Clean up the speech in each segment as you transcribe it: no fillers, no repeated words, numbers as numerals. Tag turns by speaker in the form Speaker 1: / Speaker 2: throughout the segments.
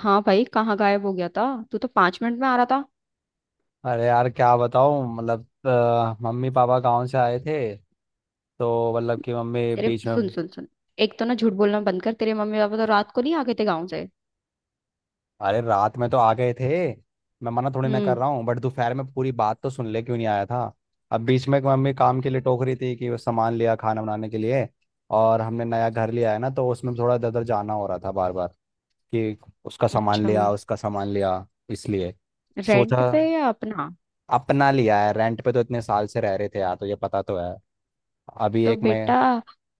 Speaker 1: हाँ भाई, कहाँ गायब हो गया था? तू तो 5 मिनट में आ रहा था।
Speaker 2: अरे यार क्या बताऊं। मतलब मम्मी पापा गांव से आए थे, तो मतलब कि मम्मी
Speaker 1: तेरे
Speaker 2: बीच
Speaker 1: सुन
Speaker 2: में।
Speaker 1: सुन सुन, एक तो ना झूठ बोलना बंद कर। तेरे मम्मी पापा तो रात को नहीं आ गए थे गाँव से।
Speaker 2: अरे रात में तो आ गए थे। मैं मना थोड़ी ना कर
Speaker 1: हम्म।
Speaker 2: रहा हूँ, बट दोपहर में पूरी बात तो सुन ले क्यों नहीं आया था। अब बीच में एक मम्मी काम के लिए टोक रही थी कि वो सामान लिया खाना बनाने के लिए, और हमने नया घर लिया है ना, तो उसमें थोड़ा इधर उधर जाना हो रहा था बार बार कि उसका सामान
Speaker 1: अच्छा,
Speaker 2: लिया उसका सामान लिया, इसलिए
Speaker 1: रेंट
Speaker 2: सोचा।
Speaker 1: पे या अपना?
Speaker 2: अपना लिया है, रेंट पे तो इतने साल से रह रहे थे यार, तो ये पता तो है। अभी
Speaker 1: तो
Speaker 2: एक,
Speaker 1: बेटा,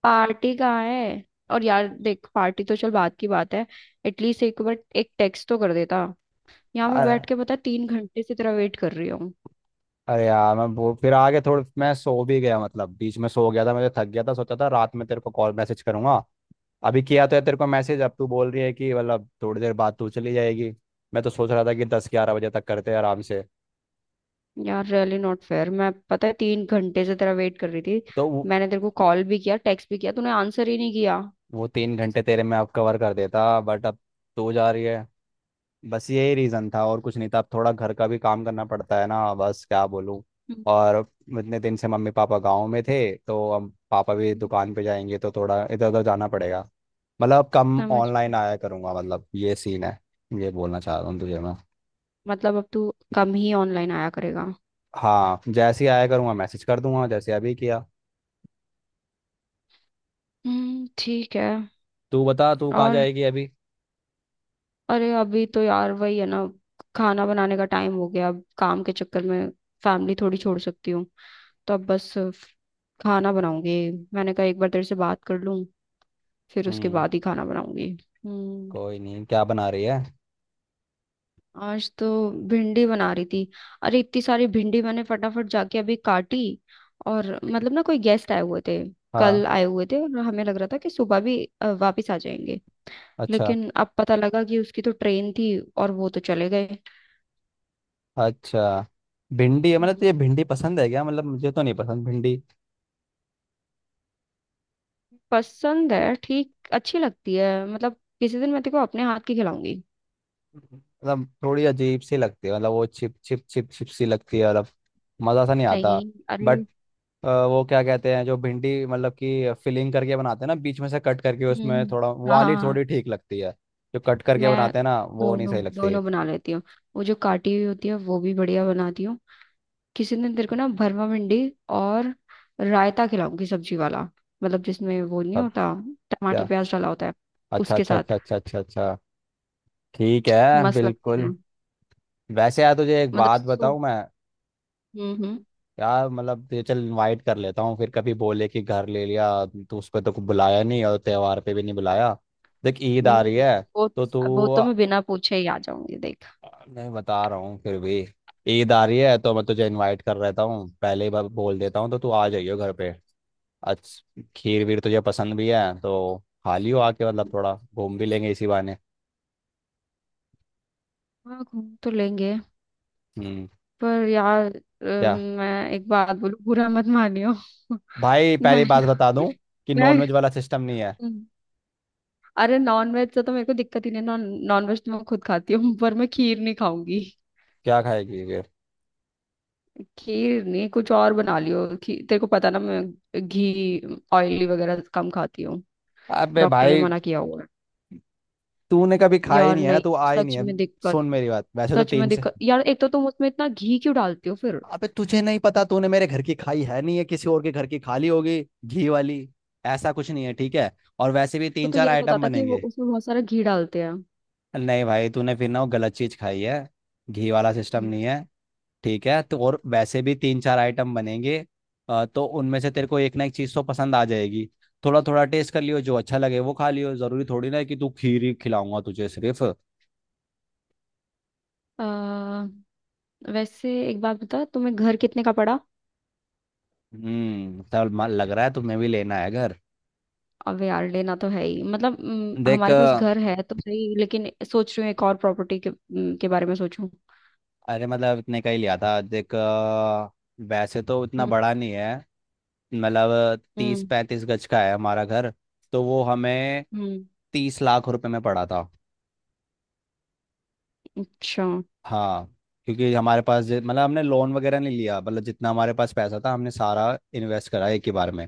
Speaker 1: पार्टी कहाँ है? और यार देख, पार्टी तो चल बात की बात है। एटलीस्ट एक बार एक टेक्स्ट तो कर देता। यहाँ मैं बैठ
Speaker 2: मैं
Speaker 1: के, पता है, 3 घंटे से तेरा वेट कर रही हूँ।
Speaker 2: अरे यार मैं वो फिर आगे थोड़ा मैं सो भी गया, मतलब बीच में सो गया था मैं, तो थक गया था, सोचा था रात में तेरे को कॉल मैसेज करूंगा। अभी किया तो है तेरे को मैसेज, अब तू बोल रही है कि मतलब थोड़ी देर बाद तू चली जाएगी। मैं तो सोच रहा था कि 10 11 बजे तक करते हैं आराम से,
Speaker 1: यार रियली नॉट फेयर। मैं पता है 3 घंटे से तेरा वेट कर रही थी।
Speaker 2: तो
Speaker 1: मैंने तेरे को कॉल भी किया, टेक्स्ट भी किया, तूने आंसर ही नहीं किया।
Speaker 2: वो तीन घंटे तेरे में अब कवर कर देता, बट अब तू जा रही है। बस यही रीज़न था, और कुछ नहीं था। अब थोड़ा घर का भी काम करना पड़ता है ना, बस क्या बोलूँ। और इतने दिन से मम्मी पापा गाँव में थे, तो अब पापा भी
Speaker 1: हम्म।
Speaker 2: दुकान पे जाएंगे, तो थोड़ा इधर उधर जाना पड़ेगा। मतलब अब कम
Speaker 1: समझ।
Speaker 2: ऑनलाइन आया करूंगा, मतलब ये सीन है। ये बोलना चाह रहा हूँ तुझे मैं।
Speaker 1: मतलब अब तू कम ही ऑनलाइन आया करेगा।
Speaker 2: हाँ, जैसे ही आया करूंगा मैसेज कर दूंगा, जैसे अभी किया।
Speaker 1: हम्म, ठीक है।
Speaker 2: तू बता, तू कहाँ
Speaker 1: और
Speaker 2: जाएगी अभी।
Speaker 1: अरे अभी तो यार वही है ना, खाना बनाने का टाइम हो गया। अब काम के चक्कर में फैमिली थोड़ी छोड़ सकती हूँ। तो अब बस खाना बनाऊंगी। मैंने कहा एक बार तेरे से बात कर लूं, फिर उसके
Speaker 2: हम्म।
Speaker 1: बाद ही खाना बनाऊंगी। हम्म।
Speaker 2: कोई नहीं, क्या बना रही है।
Speaker 1: आज तो भिंडी बना रही थी। अरे इतनी सारी भिंडी मैंने फटाफट जाके अभी काटी। और मतलब ना कोई गेस्ट आए हुए थे।
Speaker 2: हाँ।
Speaker 1: कल आए हुए थे और हमें लग रहा था कि सुबह भी वापिस आ जाएंगे।
Speaker 2: अच्छा।
Speaker 1: लेकिन अब पता लगा कि उसकी तो ट्रेन थी और वो तो चले गए।
Speaker 2: अच्छा भिंडी है। मतलब
Speaker 1: हम्म,
Speaker 2: तुझे भिंडी पसंद है क्या? मतलब मुझे तो नहीं पसंद भिंडी।
Speaker 1: पसंद है, ठीक अच्छी लगती है। मतलब किसी दिन मैं तेको अपने हाथ की खिलाऊंगी।
Speaker 2: मतलब थोड़ी अजीब सी लगती है, मतलब वो छिप छिप छिप छिप सी लगती है, मतलब मज़ा सा नहीं आता।
Speaker 1: नहीं अरे।
Speaker 2: बट वो क्या कहते हैं जो भिंडी मतलब कि फिलिंग करके बनाते हैं ना, बीच में से कट करके
Speaker 1: हम्म
Speaker 2: उसमें
Speaker 1: हम्म,
Speaker 2: थोड़ा
Speaker 1: हाँ हाँ
Speaker 2: वाली
Speaker 1: हाँ,
Speaker 2: थोड़ी ठीक लगती है। जो कट करके
Speaker 1: मैं
Speaker 2: बनाते हैं ना, वो नहीं
Speaker 1: दोनों
Speaker 2: सही लगती।
Speaker 1: दोनों बना लेती हूँ। वो जो काटी हुई होती है वो भी बढ़िया बनाती हूँ। किसी दिन तेरे को ना भरमा भिंडी और रायता खिलाऊंगी, सब्जी वाला, मतलब जिसमें वो नहीं
Speaker 2: सब
Speaker 1: होता, टमाटर
Speaker 2: क्या?
Speaker 1: प्याज डाला होता है
Speaker 2: अच्छा
Speaker 1: उसके
Speaker 2: अच्छा
Speaker 1: साथ,
Speaker 2: अच्छा अच्छा अच्छा अच्छा। ठीक है।
Speaker 1: मस्त लगती है।
Speaker 2: बिल्कुल। वैसे यार तुझे एक
Speaker 1: मतलब
Speaker 2: बात
Speaker 1: सूप।
Speaker 2: बताऊं मैं।
Speaker 1: हम्म हम्म
Speaker 2: यार मतलब तुझे चल इनवाइट कर लेता हूँ, फिर कभी बोले कि घर ले लिया तो उस पर तो बुलाया नहीं, और त्योहार पे भी नहीं बुलाया। देख ईद आ रही
Speaker 1: हम्म,
Speaker 2: है,
Speaker 1: वो
Speaker 2: तो तू।
Speaker 1: वो तो मैं बिना पूछे ही आ जाऊंगी देख।
Speaker 2: मैं बता रहा हूँ फिर भी। ईद आ रही है, तो मैं तुझे इनवाइट कर रहता हूँ, पहले ही बोल देता हूँ, तो तू आ जाइयो घर पे आज। खीर वीर तुझे पसंद भी है तो, खा लियो आके, मतलब थोड़ा घूम भी लेंगे इसी बहाने।
Speaker 1: हाँ घूम तो लेंगे।
Speaker 2: हम्म।
Speaker 1: पर यार
Speaker 2: क्या?
Speaker 1: मैं एक बात बोलूं, बुरा मत मानियो।
Speaker 2: भाई
Speaker 1: मैं
Speaker 2: पहली बात बता
Speaker 1: ना-
Speaker 2: दूं कि
Speaker 1: मैं,
Speaker 2: नॉनवेज वाला सिस्टम नहीं है।
Speaker 1: अरे नॉन वेज से तो मेरे को दिक्कत ही नहीं। नॉन नॉन वेज तो मैं खुद खाती हूँ, पर मैं खीर नहीं खाऊंगी।
Speaker 2: क्या खाएगी फिर?
Speaker 1: खीर नहीं, कुछ और बना लियो। खीर, तेरे को पता ना, मैं घी ऑयली वगैरह कम खाती हूँ।
Speaker 2: अबे
Speaker 1: डॉक्टर ने
Speaker 2: भाई
Speaker 1: मना किया हुआ है।
Speaker 2: तूने कभी खाया ही
Speaker 1: यार
Speaker 2: नहीं है ना,
Speaker 1: नहीं,
Speaker 2: तू आई नहीं
Speaker 1: सच
Speaker 2: है।
Speaker 1: में दिक्कत।
Speaker 2: सुन मेरी बात, वैसे तो
Speaker 1: सच में
Speaker 2: तीन से,
Speaker 1: दिक्कत यार। एक तो तुम उसमें इतना घी क्यों डालती हो फिर।
Speaker 2: अबे तुझे नहीं पता तूने मेरे घर की खाई है नहीं है, किसी और के घर की खा ली होगी घी वाली। ऐसा कुछ नहीं है ठीक है, और वैसे भी
Speaker 1: तो,
Speaker 2: तीन
Speaker 1: तो
Speaker 2: चार
Speaker 1: यही पता
Speaker 2: आइटम
Speaker 1: था कि वो
Speaker 2: बनेंगे।
Speaker 1: उसमें बहुत सारा घी डालते हैं।
Speaker 2: नहीं भाई, तूने फिर ना वो गलत चीज खाई है। घी वाला सिस्टम
Speaker 1: हम्म।
Speaker 2: नहीं है। ठीक है तो, और वैसे भी तीन चार आइटम बनेंगे, तो उनमें से तेरे को एक ना एक चीज तो पसंद आ जाएगी। थोड़ा थोड़ा टेस्ट कर लियो, जो अच्छा लगे वो खा लियो। जरूरी थोड़ी ना है कि तू खीर ही खिलाऊंगा तुझे सिर्फ।
Speaker 1: अ, वैसे एक बात बता, तुम्हें घर कितने का पड़ा?
Speaker 2: तब मन लग रहा है तुम्हें भी लेना है घर।
Speaker 1: अब यार लेना तो है ही, मतलब
Speaker 2: देख
Speaker 1: हमारे पास घर है तो सही, लेकिन सोच रही हूँ एक और प्रॉपर्टी के बारे में सोचूं।
Speaker 2: अरे, मतलब इतने का ही लिया था। देख वैसे तो इतना
Speaker 1: हम्म
Speaker 2: बड़ा नहीं है। मतलब तीस
Speaker 1: हम्म
Speaker 2: पैंतीस गज का है हमारा घर। तो वो हमें
Speaker 1: हम्म,
Speaker 2: 30 लाख रुपए में पड़ा था।
Speaker 1: अच्छा।
Speaker 2: हाँ, क्योंकि हमारे पास मतलब हमने लोन वगैरह नहीं लिया, मतलब जितना हमारे पास पैसा था हमने सारा इन्वेस्ट करा एक ही बार में।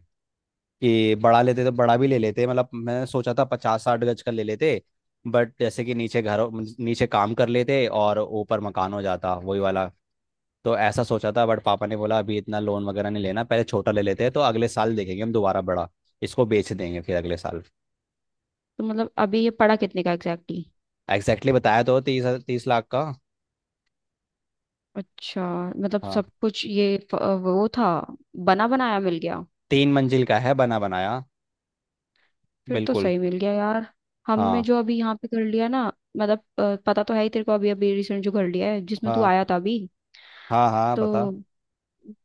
Speaker 2: कि बड़ा लेते तो बड़ा भी ले लेते, मतलब मैंने सोचा था 50 60 गज का ले लेते, बट जैसे कि नीचे घर, नीचे काम कर लेते और ऊपर मकान हो जाता वही वाला। तो ऐसा सोचा था, बट पापा ने बोला अभी इतना लोन वगैरह नहीं लेना, पहले छोटा ले लेते हैं, तो अगले साल देखेंगे हम दोबारा बड़ा, इसको बेच देंगे फिर अगले साल।
Speaker 1: तो मतलब अभी ये पड़ा कितने का एग्जैक्टली?
Speaker 2: एग्जैक्टली बताया तो, 30 30 लाख का।
Speaker 1: अच्छा, मतलब
Speaker 2: हाँ।
Speaker 1: सब कुछ ये वो था, बना बनाया मिल गया?
Speaker 2: तीन मंजिल का है बना बनाया।
Speaker 1: फिर तो
Speaker 2: बिल्कुल।
Speaker 1: सही मिल गया यार। हमने
Speaker 2: हाँ,
Speaker 1: जो अभी यहाँ पे कर लिया ना, मतलब पता तो है ही तेरे को, अभी अभी रिसेंट जो कर लिया है जिसमें तू
Speaker 2: हाँ,
Speaker 1: आया था अभी,
Speaker 2: हाँ, हाँ
Speaker 1: तो
Speaker 2: बता।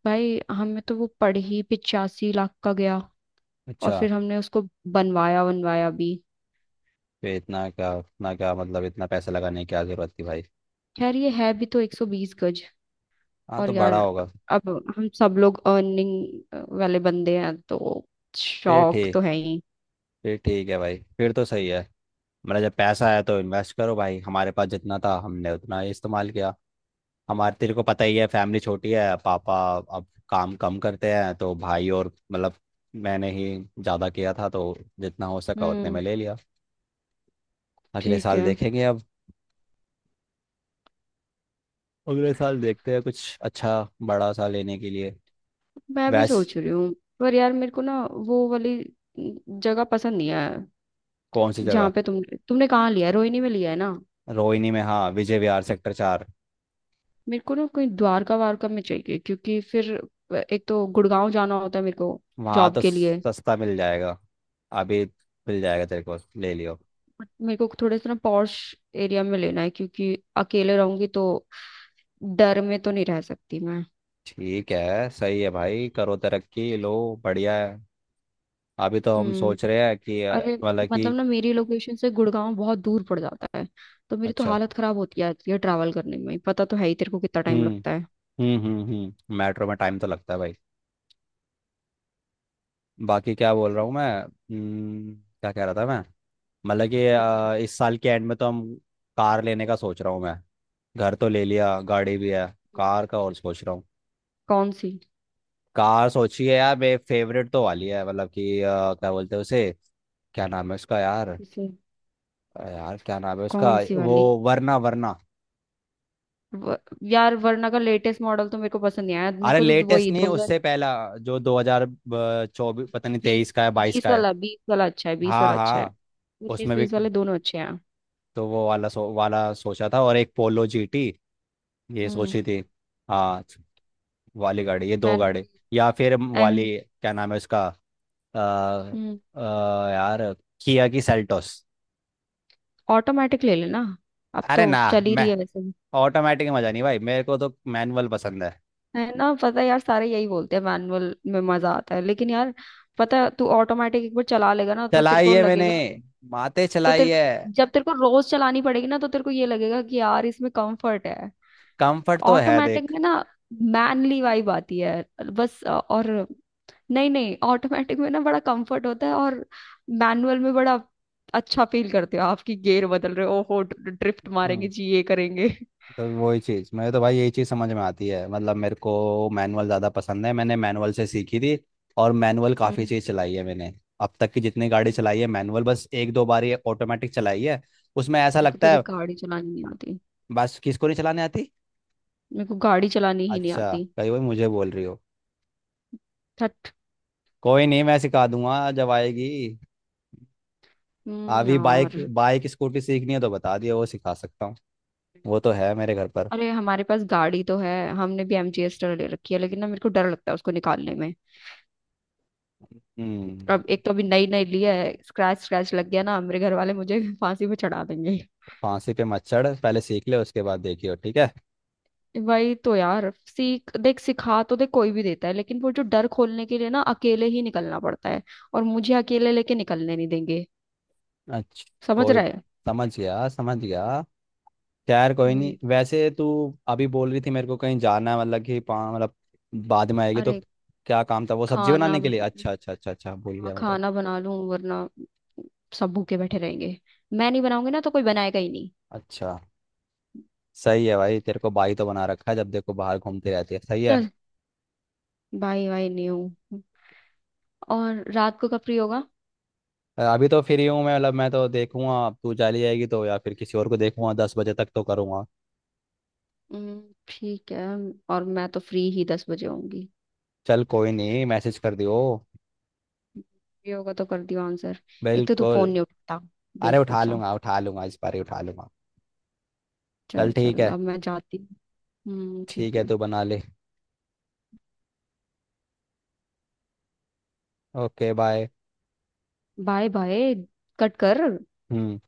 Speaker 1: भाई हमें तो वो पड़ ही 85 लाख का गया। और
Speaker 2: अच्छा।
Speaker 1: फिर हमने उसको बनवाया, बनवाया भी।
Speaker 2: फिर इतना क्या इतना क्या, मतलब इतना पैसा लगाने की क्या जरूरत थी भाई।
Speaker 1: खैर ये है भी तो 120 गज।
Speaker 2: हाँ
Speaker 1: और
Speaker 2: तो
Speaker 1: यार,
Speaker 2: बड़ा होगा।
Speaker 1: अब हम सब लोग अर्निंग वाले बंदे हैं तो
Speaker 2: फिर
Speaker 1: शौक तो
Speaker 2: ठीक,
Speaker 1: है ही।
Speaker 2: फिर ठीक है भाई, फिर तो सही है। मेरा जब पैसा आया तो इन्वेस्ट करो भाई, हमारे पास जितना था हमने उतना ही इस्तेमाल किया। हमारे तेरे को पता ही है फैमिली छोटी है, पापा अब काम कम करते हैं, तो भाई और मतलब मैंने ही ज़्यादा किया था, तो जितना हो सका उतने
Speaker 1: हम्म
Speaker 2: में ले लिया। अगले
Speaker 1: ठीक
Speaker 2: साल
Speaker 1: है।
Speaker 2: देखेंगे अब, अगले साल देखते हैं कुछ अच्छा बड़ा सा लेने के लिए।
Speaker 1: मैं भी
Speaker 2: वैस
Speaker 1: सोच रही हूँ। पर यार मेरे को ना वो वाली जगह पसंद नहीं है,
Speaker 2: कौन सी
Speaker 1: जहाँ
Speaker 2: जगह?
Speaker 1: पे तुमने कहाँ लिया है, रोहिणी में लिया है ना।
Speaker 2: रोहिणी में, हाँ विजय विहार सेक्टर 4।
Speaker 1: मेरे को ना कहीं द्वारका वारका में चाहिए, क्योंकि फिर एक तो गुड़गांव जाना होता है मेरे को
Speaker 2: वहाँ
Speaker 1: जॉब
Speaker 2: तो
Speaker 1: के लिए।
Speaker 2: सस्ता मिल जाएगा अभी, मिल जाएगा तेरे को, ले लियो।
Speaker 1: बट मेरे को थोड़े से ना पॉश एरिया में लेना है, क्योंकि अकेले रहूंगी तो डर में तो नहीं रह सकती मैं।
Speaker 2: ठीक है, सही है भाई, करो तरक्की लो, बढ़िया है। अभी तो हम
Speaker 1: हम्म।
Speaker 2: सोच रहे हैं कि
Speaker 1: अरे,
Speaker 2: मतलब
Speaker 1: मतलब
Speaker 2: कि
Speaker 1: ना मेरी लोकेशन से गुड़गांव बहुत दूर पड़ जाता है। तो मेरी तो
Speaker 2: अच्छा।
Speaker 1: हालत खराब होती जाती है ट्रैवल करने में, पता तो है ही तेरे को कितना टाइम
Speaker 2: हम्म
Speaker 1: लगता है।
Speaker 2: हम्म, मेट्रो में टाइम तो लगता है भाई। बाकी क्या बोल रहा हूँ मैं? क्या कह रहा था मैं? मतलब कि
Speaker 1: कैसे?
Speaker 2: इस साल के एंड में तो हम कार लेने का सोच रहा हूँ मैं। घर तो ले लिया, गाड़ी भी है, कार का और सोच रहा हूँ।
Speaker 1: कौन सी?
Speaker 2: कार सोची है यार, मेरे फेवरेट तो वाली है, मतलब कि क्या बोलते हैं उसे? क्या नाम है उसका यार?
Speaker 1: किसे?
Speaker 2: यार क्या नाम है उसका
Speaker 1: कौन सी
Speaker 2: वो,
Speaker 1: वाली?
Speaker 2: वरना वरना।
Speaker 1: व, यार वरना का लेटेस्ट मॉडल तो मेरे को पसंद नहीं आया। मेरे
Speaker 2: अरे
Speaker 1: को तो
Speaker 2: लेटेस्ट
Speaker 1: वही
Speaker 2: नहीं
Speaker 1: दो हजार
Speaker 2: उससे पहला, जो 2024, पता नहीं
Speaker 1: बीस
Speaker 2: 23 का है 22
Speaker 1: बीस
Speaker 2: का है।
Speaker 1: वाला, बीस वाला अच्छा है, बीस
Speaker 2: हाँ
Speaker 1: वाला अच्छा है।
Speaker 2: हाँ।
Speaker 1: उन्नीस
Speaker 2: उसमें भी
Speaker 1: बीस वाले दोनों अच्छे हैं।
Speaker 2: तो वो वाला वाला सोचा था, और एक पोलो जीटी, ये
Speaker 1: हम्म।
Speaker 2: सोची थी। हाँ, वाली गाड़ी, ये दो गाड़ी,
Speaker 1: मैंने
Speaker 2: या फिर
Speaker 1: एम।
Speaker 2: वाली क्या नाम है उसका? आ,
Speaker 1: हम्म।
Speaker 2: आ, यार, किया की सेल्टोस।
Speaker 1: ऑटोमेटिक ले लेना, अब
Speaker 2: अरे
Speaker 1: तो
Speaker 2: ना,
Speaker 1: चल ही
Speaker 2: मैं
Speaker 1: रही है वैसे।
Speaker 2: ऑटोमेटिक मजा नहीं भाई, मेरे को तो मैनुअल पसंद है।
Speaker 1: है ना, पता है यार, सारे यही बोलते हैं मैनुअल में मजा आता है, लेकिन यार पता है, तू ऑटोमेटिक एक बार चला लेगा ना तो तेरे
Speaker 2: चलाई
Speaker 1: को
Speaker 2: है मैंने,
Speaker 1: लगेगा।
Speaker 2: माते
Speaker 1: तो
Speaker 2: चलाई
Speaker 1: तेरे
Speaker 2: है।
Speaker 1: को, जब तेरे को रोज चलानी पड़ेगी ना, तो तेरे को ये लगेगा कि यार इसमें कंफर्ट है।
Speaker 2: कंफर्ट तो है
Speaker 1: ऑटोमेटिक
Speaker 2: देख।
Speaker 1: में ना मैनली वाइब आती है। बस और नहीं नहीं, ऑटोमेटिक में ना बड़ा कंफर्ट होता है। और मैनुअल में बड़ा अच्छा फील करते हो, आपकी गियर बदल रहे हो, ओहो ड्रिफ्ट मारेंगे
Speaker 2: हम्म।
Speaker 1: जी, ये करेंगे।
Speaker 2: तो वही चीज़ मैं तो भाई, यही चीज़ समझ में आती है, मतलब मेरे को मैनुअल ज़्यादा पसंद है, मैंने मैनुअल से सीखी थी। और मैनुअल काफ़ी
Speaker 1: हम्म।
Speaker 2: चीज़ चलाई है मैंने। अब तक की जितनी गाड़ी चलाई है मैनुअल, बस एक दो बार ये ऑटोमेटिक चलाई है, उसमें ऐसा
Speaker 1: मेरे को
Speaker 2: लगता
Speaker 1: तो
Speaker 2: है।
Speaker 1: देख गाड़ी चलानी नहीं आती।
Speaker 2: बस किसको नहीं चलाने आती?
Speaker 1: मेरे को गाड़ी चलानी ही नहीं
Speaker 2: अच्छा,
Speaker 1: आती।
Speaker 2: कही वही मुझे बोल रही हो?
Speaker 1: थट।
Speaker 2: कोई नहीं, मैं सिखा दूंगा जब आएगी। अभी बाइक
Speaker 1: यार।
Speaker 2: बाइक स्कूटी सीखनी है तो बता दियो, वो सिखा सकता हूँ, वो तो है मेरे घर पर।
Speaker 1: अरे हमारे पास गाड़ी तो है, हमने भी एमजीएस ले रखी है, लेकिन ना मेरे को डर लगता है उसको निकालने में।
Speaker 2: हम्म
Speaker 1: अब एक तो अभी नई नई ली है। स्क्रैच स्क्रैच लग गया ना मेरे घर वाले मुझे फांसी पे चढ़ा देंगे।
Speaker 2: फांसी पे मच्छर पहले सीख ले उसके बाद देखियो ठीक है।
Speaker 1: वही तो यार, सीख देख, सिखा तो देख कोई भी देता है, लेकिन वो जो डर खोलने के लिए ना अकेले ही निकलना पड़ता है। और मुझे अकेले लेके निकलने नहीं देंगे।
Speaker 2: अच्छा,
Speaker 1: समझ
Speaker 2: कोई,
Speaker 1: रहा है।
Speaker 2: समझ गया समझ गया। खैर कोई
Speaker 1: हम्म,
Speaker 2: नहीं, वैसे तू अभी बोल रही थी मेरे को कहीं जाना है, मतलब कि मतलब बाद में आएगी तो।
Speaker 1: अरे
Speaker 2: क्या काम था? वो सब्जी
Speaker 1: खाना
Speaker 2: बनाने के लिए,
Speaker 1: बन-
Speaker 2: अच्छा अच्छा अच्छा अच्छा, भूल
Speaker 1: हाँ,
Speaker 2: गया मैं तो।
Speaker 1: खाना बना लूं वरना सब भूखे बैठे रहेंगे। मैं नहीं बनाऊंगी ना तो कोई बनाएगा ही नहीं।
Speaker 2: अच्छा, सही है भाई, तेरे को बाई तो बना रखा है, जब देखो बाहर घूमती रहती है, सही है।
Speaker 1: चल, बाय बाय नहीं हूँ। और रात को कब फ्री होगा?
Speaker 2: अभी तो फ्री हूँ मैं, मतलब मैं तो देखूंगा अब तू चली जाएगी तो, या फिर किसी और को देखूंगा, 10 बजे तक तो करूंगा।
Speaker 1: ठीक है। और मैं तो फ्री ही 10 बजे होंगी।
Speaker 2: चल कोई नहीं मैसेज कर दियो।
Speaker 1: फ्री होगा तो कर दियो आंसर। एक तो तू
Speaker 2: बिल्कुल।
Speaker 1: फोन नहीं उठाता,
Speaker 2: अरे
Speaker 1: बेवकूफ
Speaker 2: उठा
Speaker 1: सा।
Speaker 2: लूंगा उठा लूंगा, इस बार ही उठा लूंगा। चल
Speaker 1: चल
Speaker 2: ठीक
Speaker 1: चल,
Speaker 2: है,
Speaker 1: अब मैं जाती हूँ।
Speaker 2: ठीक
Speaker 1: ठीक
Speaker 2: है
Speaker 1: है।
Speaker 2: तू बना ले। Okay bye.
Speaker 1: Bye bye. Cut कर।
Speaker 2: हम्म।